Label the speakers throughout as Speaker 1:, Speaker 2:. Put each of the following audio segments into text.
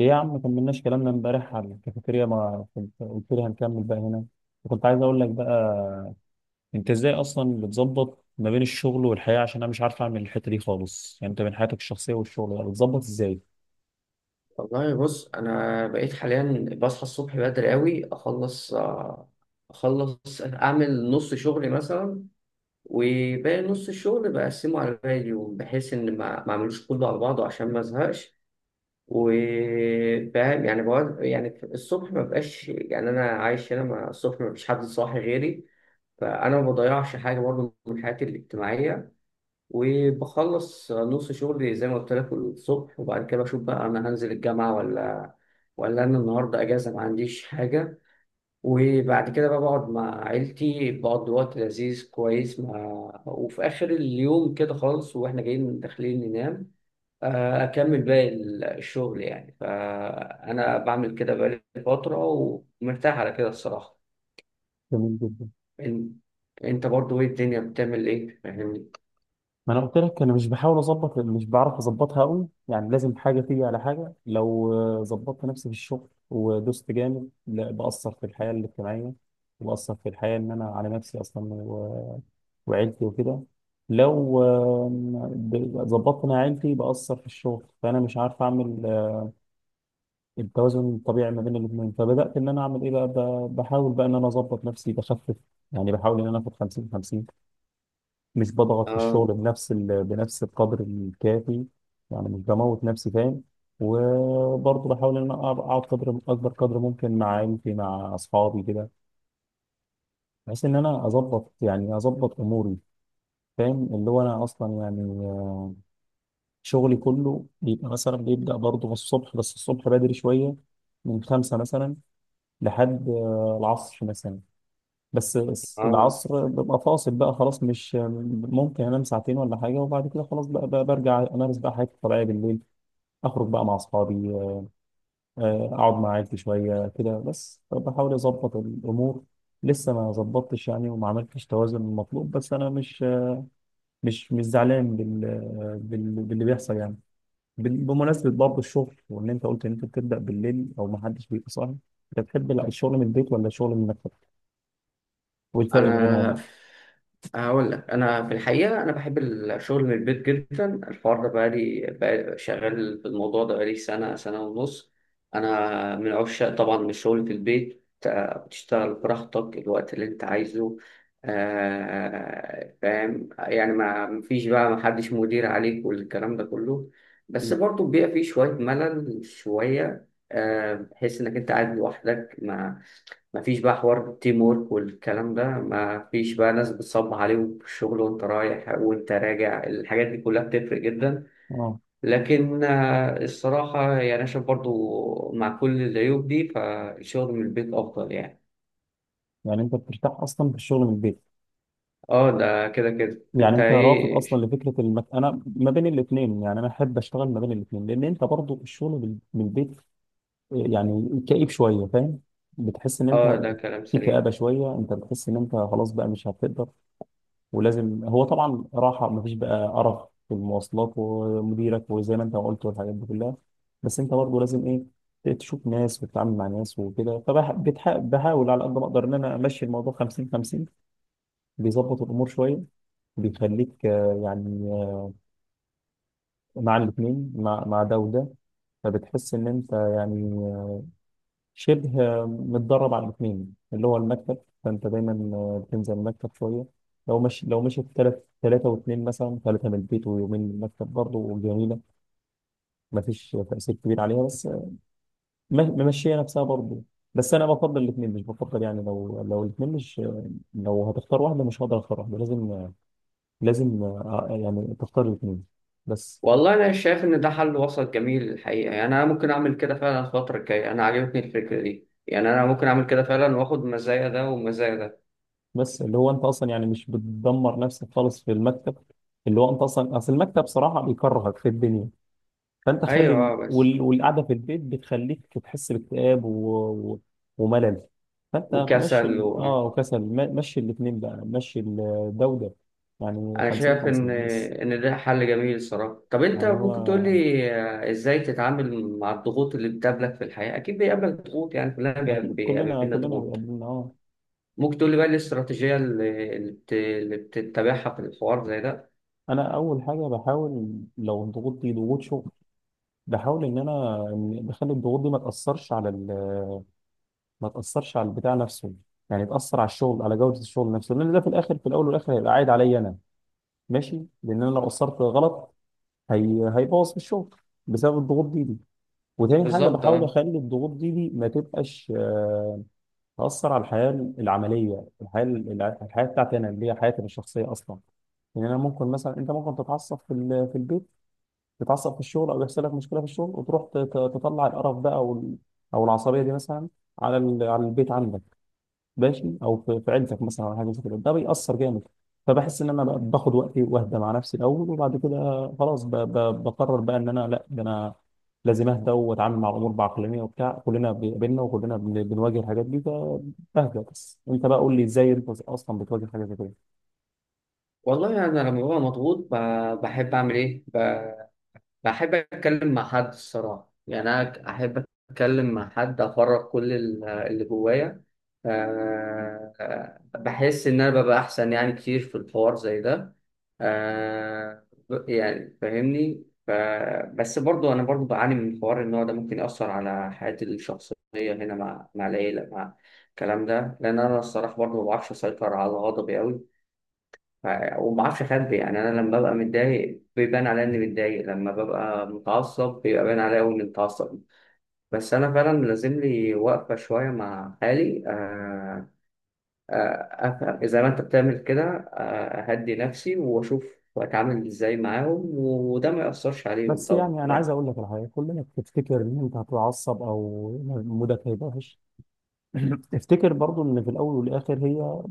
Speaker 1: ايه يا عم كملناش كلامنا امبارح على الكافيتيريا، ما كنت قلت لي هنكمل بقى هنا؟ وكنت عايز اقول لك بقى، انت ازاي اصلا بتظبط ما بين الشغل والحياه؟ عشان انا مش عارف اعمل الحته دي خالص. يعني انت بين حياتك الشخصيه والشغل بقى بتظبط ازاي؟
Speaker 2: والله بص، انا بقيت حاليا بصحى الصبح بدري قوي. اخلص اعمل نص شغلي مثلا، وباقي نص الشغل بقسمه على باقي اليوم، بحيث ان ما اعملوش كله على بعضه عشان ما ازهقش. وفاهم يعني، بقعد يعني الصبح، ما بقاش يعني انا عايش هنا، ما الصبح ما فيش حد صاحي غيري، فانا ما بضيعش حاجه برضه من حياتي الاجتماعيه. وبخلص نص شغلي زي ما قلت لك الصبح، وبعد كده بشوف بقى، انا هنزل الجامعة ولا انا النهارده اجازة ما عنديش حاجة. وبعد كده بقى بقعد مع عيلتي، بقضي وقت لذيذ كويس مع، وفي اخر اليوم كده خالص واحنا جايين داخلين ننام، اكمل باقي الشغل يعني. فانا بعمل كده بقالي فترة، ومرتاح على كده الصراحة.
Speaker 1: جميل جدا.
Speaker 2: إن- انت برضو ايه؟ الدنيا بتعمل ايه؟ فاهمني.
Speaker 1: ما انا قلت لك انا مش بحاول اظبط، مش بعرف اظبطها قوي. يعني لازم حاجه تيجي على حاجه. لو ظبطت نفسي في الشغل ودوست جامد، لا بأثر في الحياه الاجتماعيه وبأثر في الحياه ان انا على نفسي اصلا وعيلتي وكده. لو ظبطت انا عيلتي بأثر في الشغل، فانا مش عارف اعمل التوازن الطبيعي ما بين الاثنين. فبدأت ان انا اعمل ايه بقى، بحاول بقى ان انا اظبط نفسي، بخفف. يعني بحاول ان انا اخد 50 50. مش بضغط في
Speaker 2: اه،
Speaker 1: الشغل بنفس القدر الكافي. يعني مش بموت نفسي، فاهم؟ وبرضه بحاول ان انا أقعد قدر اكبر قدر ممكن مع عيلتي مع اصحابي كده، بحيث ان انا اظبط يعني اظبط اموري. فاهم؟ اللي هو انا اصلا يعني شغلي كله بيبقى مثلا بيبدأ برضه من الصبح، بس الصبح بدري شوية، من خمسة مثلا لحد العصر مثلا. بس
Speaker 2: اه.
Speaker 1: العصر ببقى فاصل بقى خلاص، مش ممكن. أنام ساعتين ولا حاجة، وبعد كده خلاص بقى برجع أمارس بقى حياتي الطبيعية بالليل، أخرج بقى مع أصحابي، أقعد مع عيلتي شوية كده. بس بحاول أظبط الأمور. لسه ما ظبطتش يعني وما عملتش توازن المطلوب، بس أنا مش زعلان باللي بيحصل يعني. بمناسبة برضه الشغل، وإن أنت قلت إن أنت بتبدأ بالليل أو ما حدش بيبقى صاحي، أنت بتحب لا الشغل من البيت ولا الشغل من المكتب؟ والفرق ما
Speaker 2: انا
Speaker 1: بينهم؟
Speaker 2: هقول لك، انا في الحقيقه انا بحب الشغل من البيت جدا. الحوار ده بقالي شغال في الموضوع ده بقالي سنه ونص. انا من عشاق طبعا الشغل في البيت. بتشتغل براحتك الوقت اللي انت عايزه. فاهم يعني، ما فيش بقى، ما حدش مدير عليك والكلام ده كله. بس برضه بيبقى فيه شويه ملل، شويه بحيث انك انت قاعد لوحدك، مفيش بقى حوار التيم وورك والكلام ده، مفيش بقى ناس بتصب عليهم في الشغل وانت رايح وانت راجع. الحاجات دي كلها بتفرق جدا.
Speaker 1: آه.
Speaker 2: لكن الصراحة يعني، أنا شايف برضو مع كل العيوب دي فالشغل من البيت أفضل يعني.
Speaker 1: يعني أنت بترتاح أصلا في الشغل من البيت،
Speaker 2: اه، ده كده كده
Speaker 1: يعني
Speaker 2: انت
Speaker 1: أنت رافض
Speaker 2: ايه.
Speaker 1: أصلا لفكرة أنا ما بين الاتنين. يعني أنا أحب أشتغل ما بين الاتنين، لأن أنت برضه الشغل من البيت يعني كئيب شوية، فاهم؟ بتحس إن أنت
Speaker 2: اه، ده كلام
Speaker 1: في
Speaker 2: سليم.
Speaker 1: كآبة شوية، أنت بتحس إن أنت خلاص بقى مش هتقدر. ولازم هو طبعا راحه، مفيش بقى قرف في المواصلات ومديرك وزي ما انت ما قلت والحاجات دي كلها. بس انت برضه لازم ايه، تشوف ناس وتتعامل مع ناس وكده. فبحاول على قد ما اقدر ان انا امشي الموضوع 50 50. بيظبط الامور شويه، بيخليك مع الاثنين، مع ده وده. فبتحس ان انت يعني شبه متدرب على الاثنين اللي هو المكتب. فانت دايما بتنزل المكتب شويه. لو مش لو مشيت ثلاثه واثنين مثلا، ثلاثه من البيت ويومين من المكتب، برضه جميله. ما فيش تاثير كبير عليها، بس ممشيه نفسها برضه. بس انا بفضل الاثنين، مش بفضل يعني، لو الاثنين مش، لو هتختار واحده مش هقدر اختار واحده، لازم لازم يعني تختار الاثنين بس.
Speaker 2: والله انا شايف ان ده حل وسط جميل الحقيقة يعني. انا ممكن اعمل كده فعلا الفترة الجاية، انا عجبتني الفكرة دي يعني. انا ممكن اعمل كده فعلا واخد مزايا ده ومزايا ده.
Speaker 1: بس اللي هو انت اصلا يعني مش بتدمر نفسك خالص في المكتب، اللي هو انت اصلا اصل المكتب صراحه بيكرهك في الدنيا. فانت خلي
Speaker 2: ايوه، بس.
Speaker 1: والقعده في البيت بتخليك تحس باكتئاب و... وملل. فانت مشي
Speaker 2: وكسل و،
Speaker 1: اه وكسل، مشي الاثنين بقى، مشي ده وده. يعني
Speaker 2: انا
Speaker 1: 50
Speaker 2: شايف ان
Speaker 1: 50 بس.
Speaker 2: ان ده حل جميل الصراحه. طب انت
Speaker 1: يعني هو
Speaker 2: ممكن تقول لي ازاي تتعامل مع الضغوط اللي بتقابلك في الحياه؟ اكيد بيقابلك ضغوط، يعني كلنا
Speaker 1: اكيد كلنا
Speaker 2: بيقابلنا
Speaker 1: كلنا
Speaker 2: ضغوط.
Speaker 1: بيقابلنا، اه.
Speaker 2: ممكن تقول لي بقى إيه الاستراتيجيه اللي بتتبعها في الحوار زي ده؟
Speaker 1: انا اول حاجه بحاول، لو الضغوط دي ضغوط شغل، بحاول ان انا إن بخلي الضغوط دي ما تاثرش على ما تاثرش على البتاع نفسه. يعني تاثر على الشغل، على جوده الشغل نفسه، لان ده في الاخر، في الاول والاخر هيبقى عايد عليا انا. ماشي. لان انا لو قصرت غلط، هي هيبوظ في الشغل بسبب الضغوط دي. وتاني حاجه
Speaker 2: بالظبط،
Speaker 1: بحاول
Speaker 2: اه.
Speaker 1: اخلي الضغوط دي ما تبقاش تاثر على الحياه العمليه، الحياه الحياه بتاعتي انا، اللي هي حياتي الشخصيه اصلا. لان انا ممكن مثلا، انت ممكن تتعصب في في البيت، تتعصب في الشغل او يحصل لك مشكله في الشغل وتروح تطلع القرف ده او او العصبيه دي مثلا، على على البيت عندك، ماشي، او في عيلتك مثلا او حاجه زي كده. ده بيأثر جامد. فبحس ان انا بقى باخد وقتي واهدى مع نفسي الاول، وبعد كده خلاص بقرر بقى ان انا لا، ده انا لازم اهدى واتعامل مع الامور بعقلانيه وبتاع. كلنا بيقابلنا وكلنا بنواجه الحاجات دي، فبهدى. بس انت بقى قول لي ازاي انت اصلا بتواجه حاجه زي كده.
Speaker 2: والله انا يعني لما ببقى مضغوط، بحب اعمل ايه، بحب أتكلم مع حد الصراحة. يعني أنا أحب أتكلم مع حد، أفرغ كل اللي جوايا. أه آه، بحس إن أنا ببقى أحسن، يعني كتير في الحوار زي ده. أه. يعني فاهمني. بس برضو أنا برضو بعاني من حوار إن هو ده ممكن يأثر على حياتي الشخصية هنا، مع العيلة، مع الكلام ده، لأن أنا الصراحة برضو ما بعرفش أسيطر على غضبي أوي. ف- وما اعرفش اخبي يعني، انا لما ببقى متضايق بيبان عليا اني متضايق، لما ببقى متعصب بيبقى باين عليا أوي اني متعصب. بس انا فعلا لازم لي وقفه شويه مع حالي، افهم زي ما انت بتعمل كده، اهدي نفسي واشوف اتعامل ازاي معاهم، وده ما ياثرش عليهم
Speaker 1: بس
Speaker 2: طبعا
Speaker 1: يعني انا عايز
Speaker 2: بس.
Speaker 1: اقول لك على حاجه. كلنا بتفتكر ان انت هتتعصب او مودك هيبقى وحش. افتكر برضو ان في الاول والاخر هي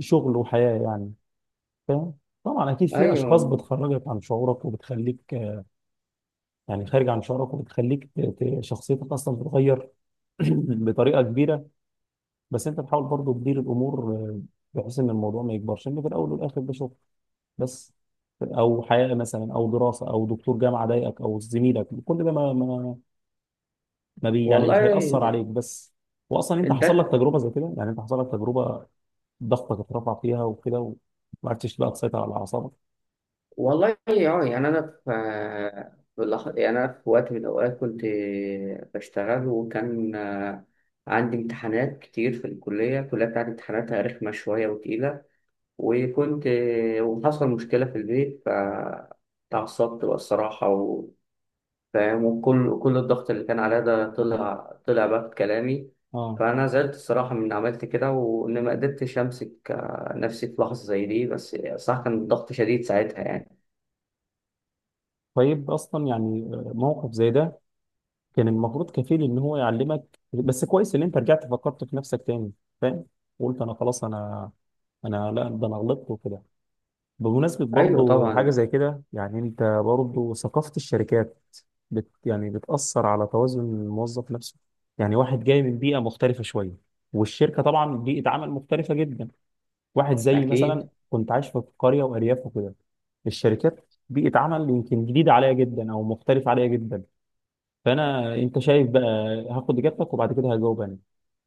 Speaker 1: شغل وحياه يعني، فاهم؟ طبعا اكيد في اشخاص
Speaker 2: ايوه.
Speaker 1: بتخرجك عن شعورك وبتخليك يعني خارج عن شعورك، وبتخليك شخصيتك اصلا تتغير، بطريقه كبيره. بس انت بتحاول برضه تدير الامور بحيث ان الموضوع ما يكبرش، ان في الاول والاخر ده شغل بس. او حياه مثلا او دراسه او دكتور جامعه ضايقك او زميلك، كل ده ما ما ما بي يعني مش
Speaker 2: والله.
Speaker 1: هيأثر عليك بس. واصلا انت حصل لك
Speaker 2: ده.
Speaker 1: تجربه زي كده، يعني انت حصل لك تجربه ضغطك اترفع فيها وكده، وما عرفتش بقى تسيطر على اعصابك.
Speaker 2: والله، اه. يعني انا في يعني انا في وقت من الاوقات كنت بشتغل، وكان عندي امتحانات كتير في الكليه بتاعتي امتحاناتها رخمه شويه وتقيله. وكنت وحصل مشكله في البيت فتعصبت بقى الصراحه و، فاهم، وكل كل الضغط اللي كان عليا ده طلع بقى في كلامي.
Speaker 1: اه.
Speaker 2: فانا زعلت الصراحه من إني عملت كده، وان ما قدرتش امسك نفسي في لحظه زي دي، بس صح كان الضغط شديد ساعتها يعني.
Speaker 1: طيب اصلا يعني، موقف زي ده كان المفروض كفيل ان هو يعلمك، بس كويس ان انت رجعت فكرت في نفسك تاني، فاهم؟ قلت انا خلاص، انا لا، ده انا غلطت وكده. بمناسبة
Speaker 2: ايوه
Speaker 1: برضو حاجة
Speaker 2: طبعا.
Speaker 1: زي كده، يعني انت برضو ثقافة الشركات يعني بتأثر على توازن الموظف نفسه. يعني واحد جاي من بيئة مختلفة شوية، والشركة طبعا بيئة عمل مختلفة جدا. واحد زي مثلا
Speaker 2: اكيد.
Speaker 1: كنت عايش في قرية وأرياف وكده، الشركات بيئة عمل يمكن جديدة عليا جدا أو مختلفة عليا جدا. فانا، انت شايف بقى، هاخد اجابتك وبعد كده هجاوب انا.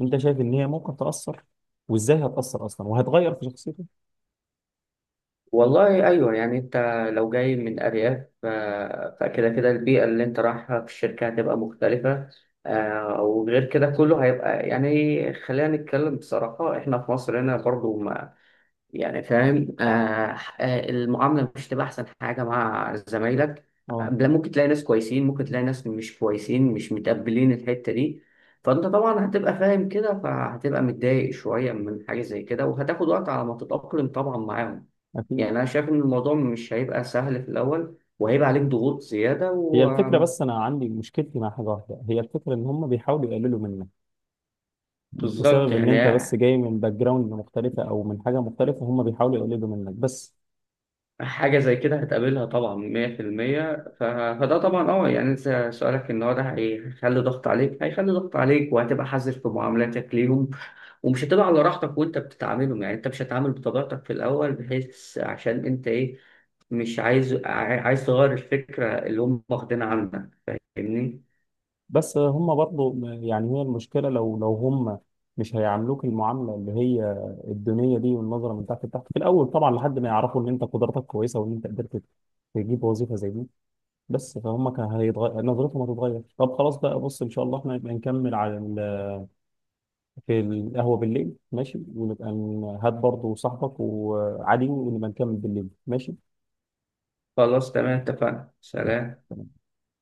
Speaker 1: انت شايف ان هي ممكن تاثر، وازاي هتاثر اصلا وهتغير في شخصيته؟
Speaker 2: والله ايوه. يعني انت لو جاي من ارياف، فكده كده البيئه اللي انت رايحها في الشركه هتبقى مختلفه. وغير كده كله هيبقى، يعني خلينا نتكلم بصراحه، احنا في مصر هنا برضو. يعني فاهم. آه، المعاملة مش تبقى أحسن حاجة مع زمايلك.
Speaker 1: اه
Speaker 2: لا، ممكن تلاقي ناس كويسين، ممكن تلاقي ناس مش كويسين، مش متقبلين الحتة دي. فأنت طبعا هتبقى فاهم كده، فهتبقى متضايق شوية من حاجة زي كده، وهتاخد وقت على ما تتأقلم طبعا معاهم. يعني
Speaker 1: اكيد.
Speaker 2: أنا شايف إن الموضوع مش هيبقى سهل في الأول، وهيبقى عليك ضغوط زيادة
Speaker 1: هي
Speaker 2: و،
Speaker 1: الفكره، بس انا عندي مشكلتي مع حاجه واحده، هي الفكره ان هم بيحاولوا يقللوا منك
Speaker 2: بالظبط،
Speaker 1: بسبب ان
Speaker 2: يعني
Speaker 1: انت بس جاي من باك جراوند مختلفه او من حاجه مختلفه. هم بيحاولوا يقللوا منك بس.
Speaker 2: حاجة زي كده هتقابلها طبعا 100%. فده طبعا اه، يعني انت سؤالك ان هو ده هيخلي ضغط عليك، هيخلي ضغط عليك، وهتبقى حذر في معاملاتك ليهم، ومش هتبقى على راحتك وانت بتتعاملهم، يعني انت مش هتتعامل بطبيعتك في الاول بحيث عشان انت ايه، مش عايز عايز تغير الفكرة اللي هم واخدينها عنك. فاهمني؟
Speaker 1: بس هم برضو يعني، هي المشكلة لو هم مش هيعاملوك المعاملة اللي هي الدونية دي والنظرة من تحت لتحت في الأول طبعا، لحد ما يعرفوا إن أنت قدراتك كويسة وإن أنت قدرت تجيب وظيفة زي دي. بس فهم كان هيتغير، نظرتهم هتتغير. طب خلاص بقى، بص إن شاء الله إحنا نبقى نكمل على في القهوة بالليل، ماشي؟ ونبقى هات برضو صاحبك وعادي، ونبقى نكمل بالليل، ماشي.
Speaker 2: خلاص تمام، اتفقنا. سلام.
Speaker 1: تمام.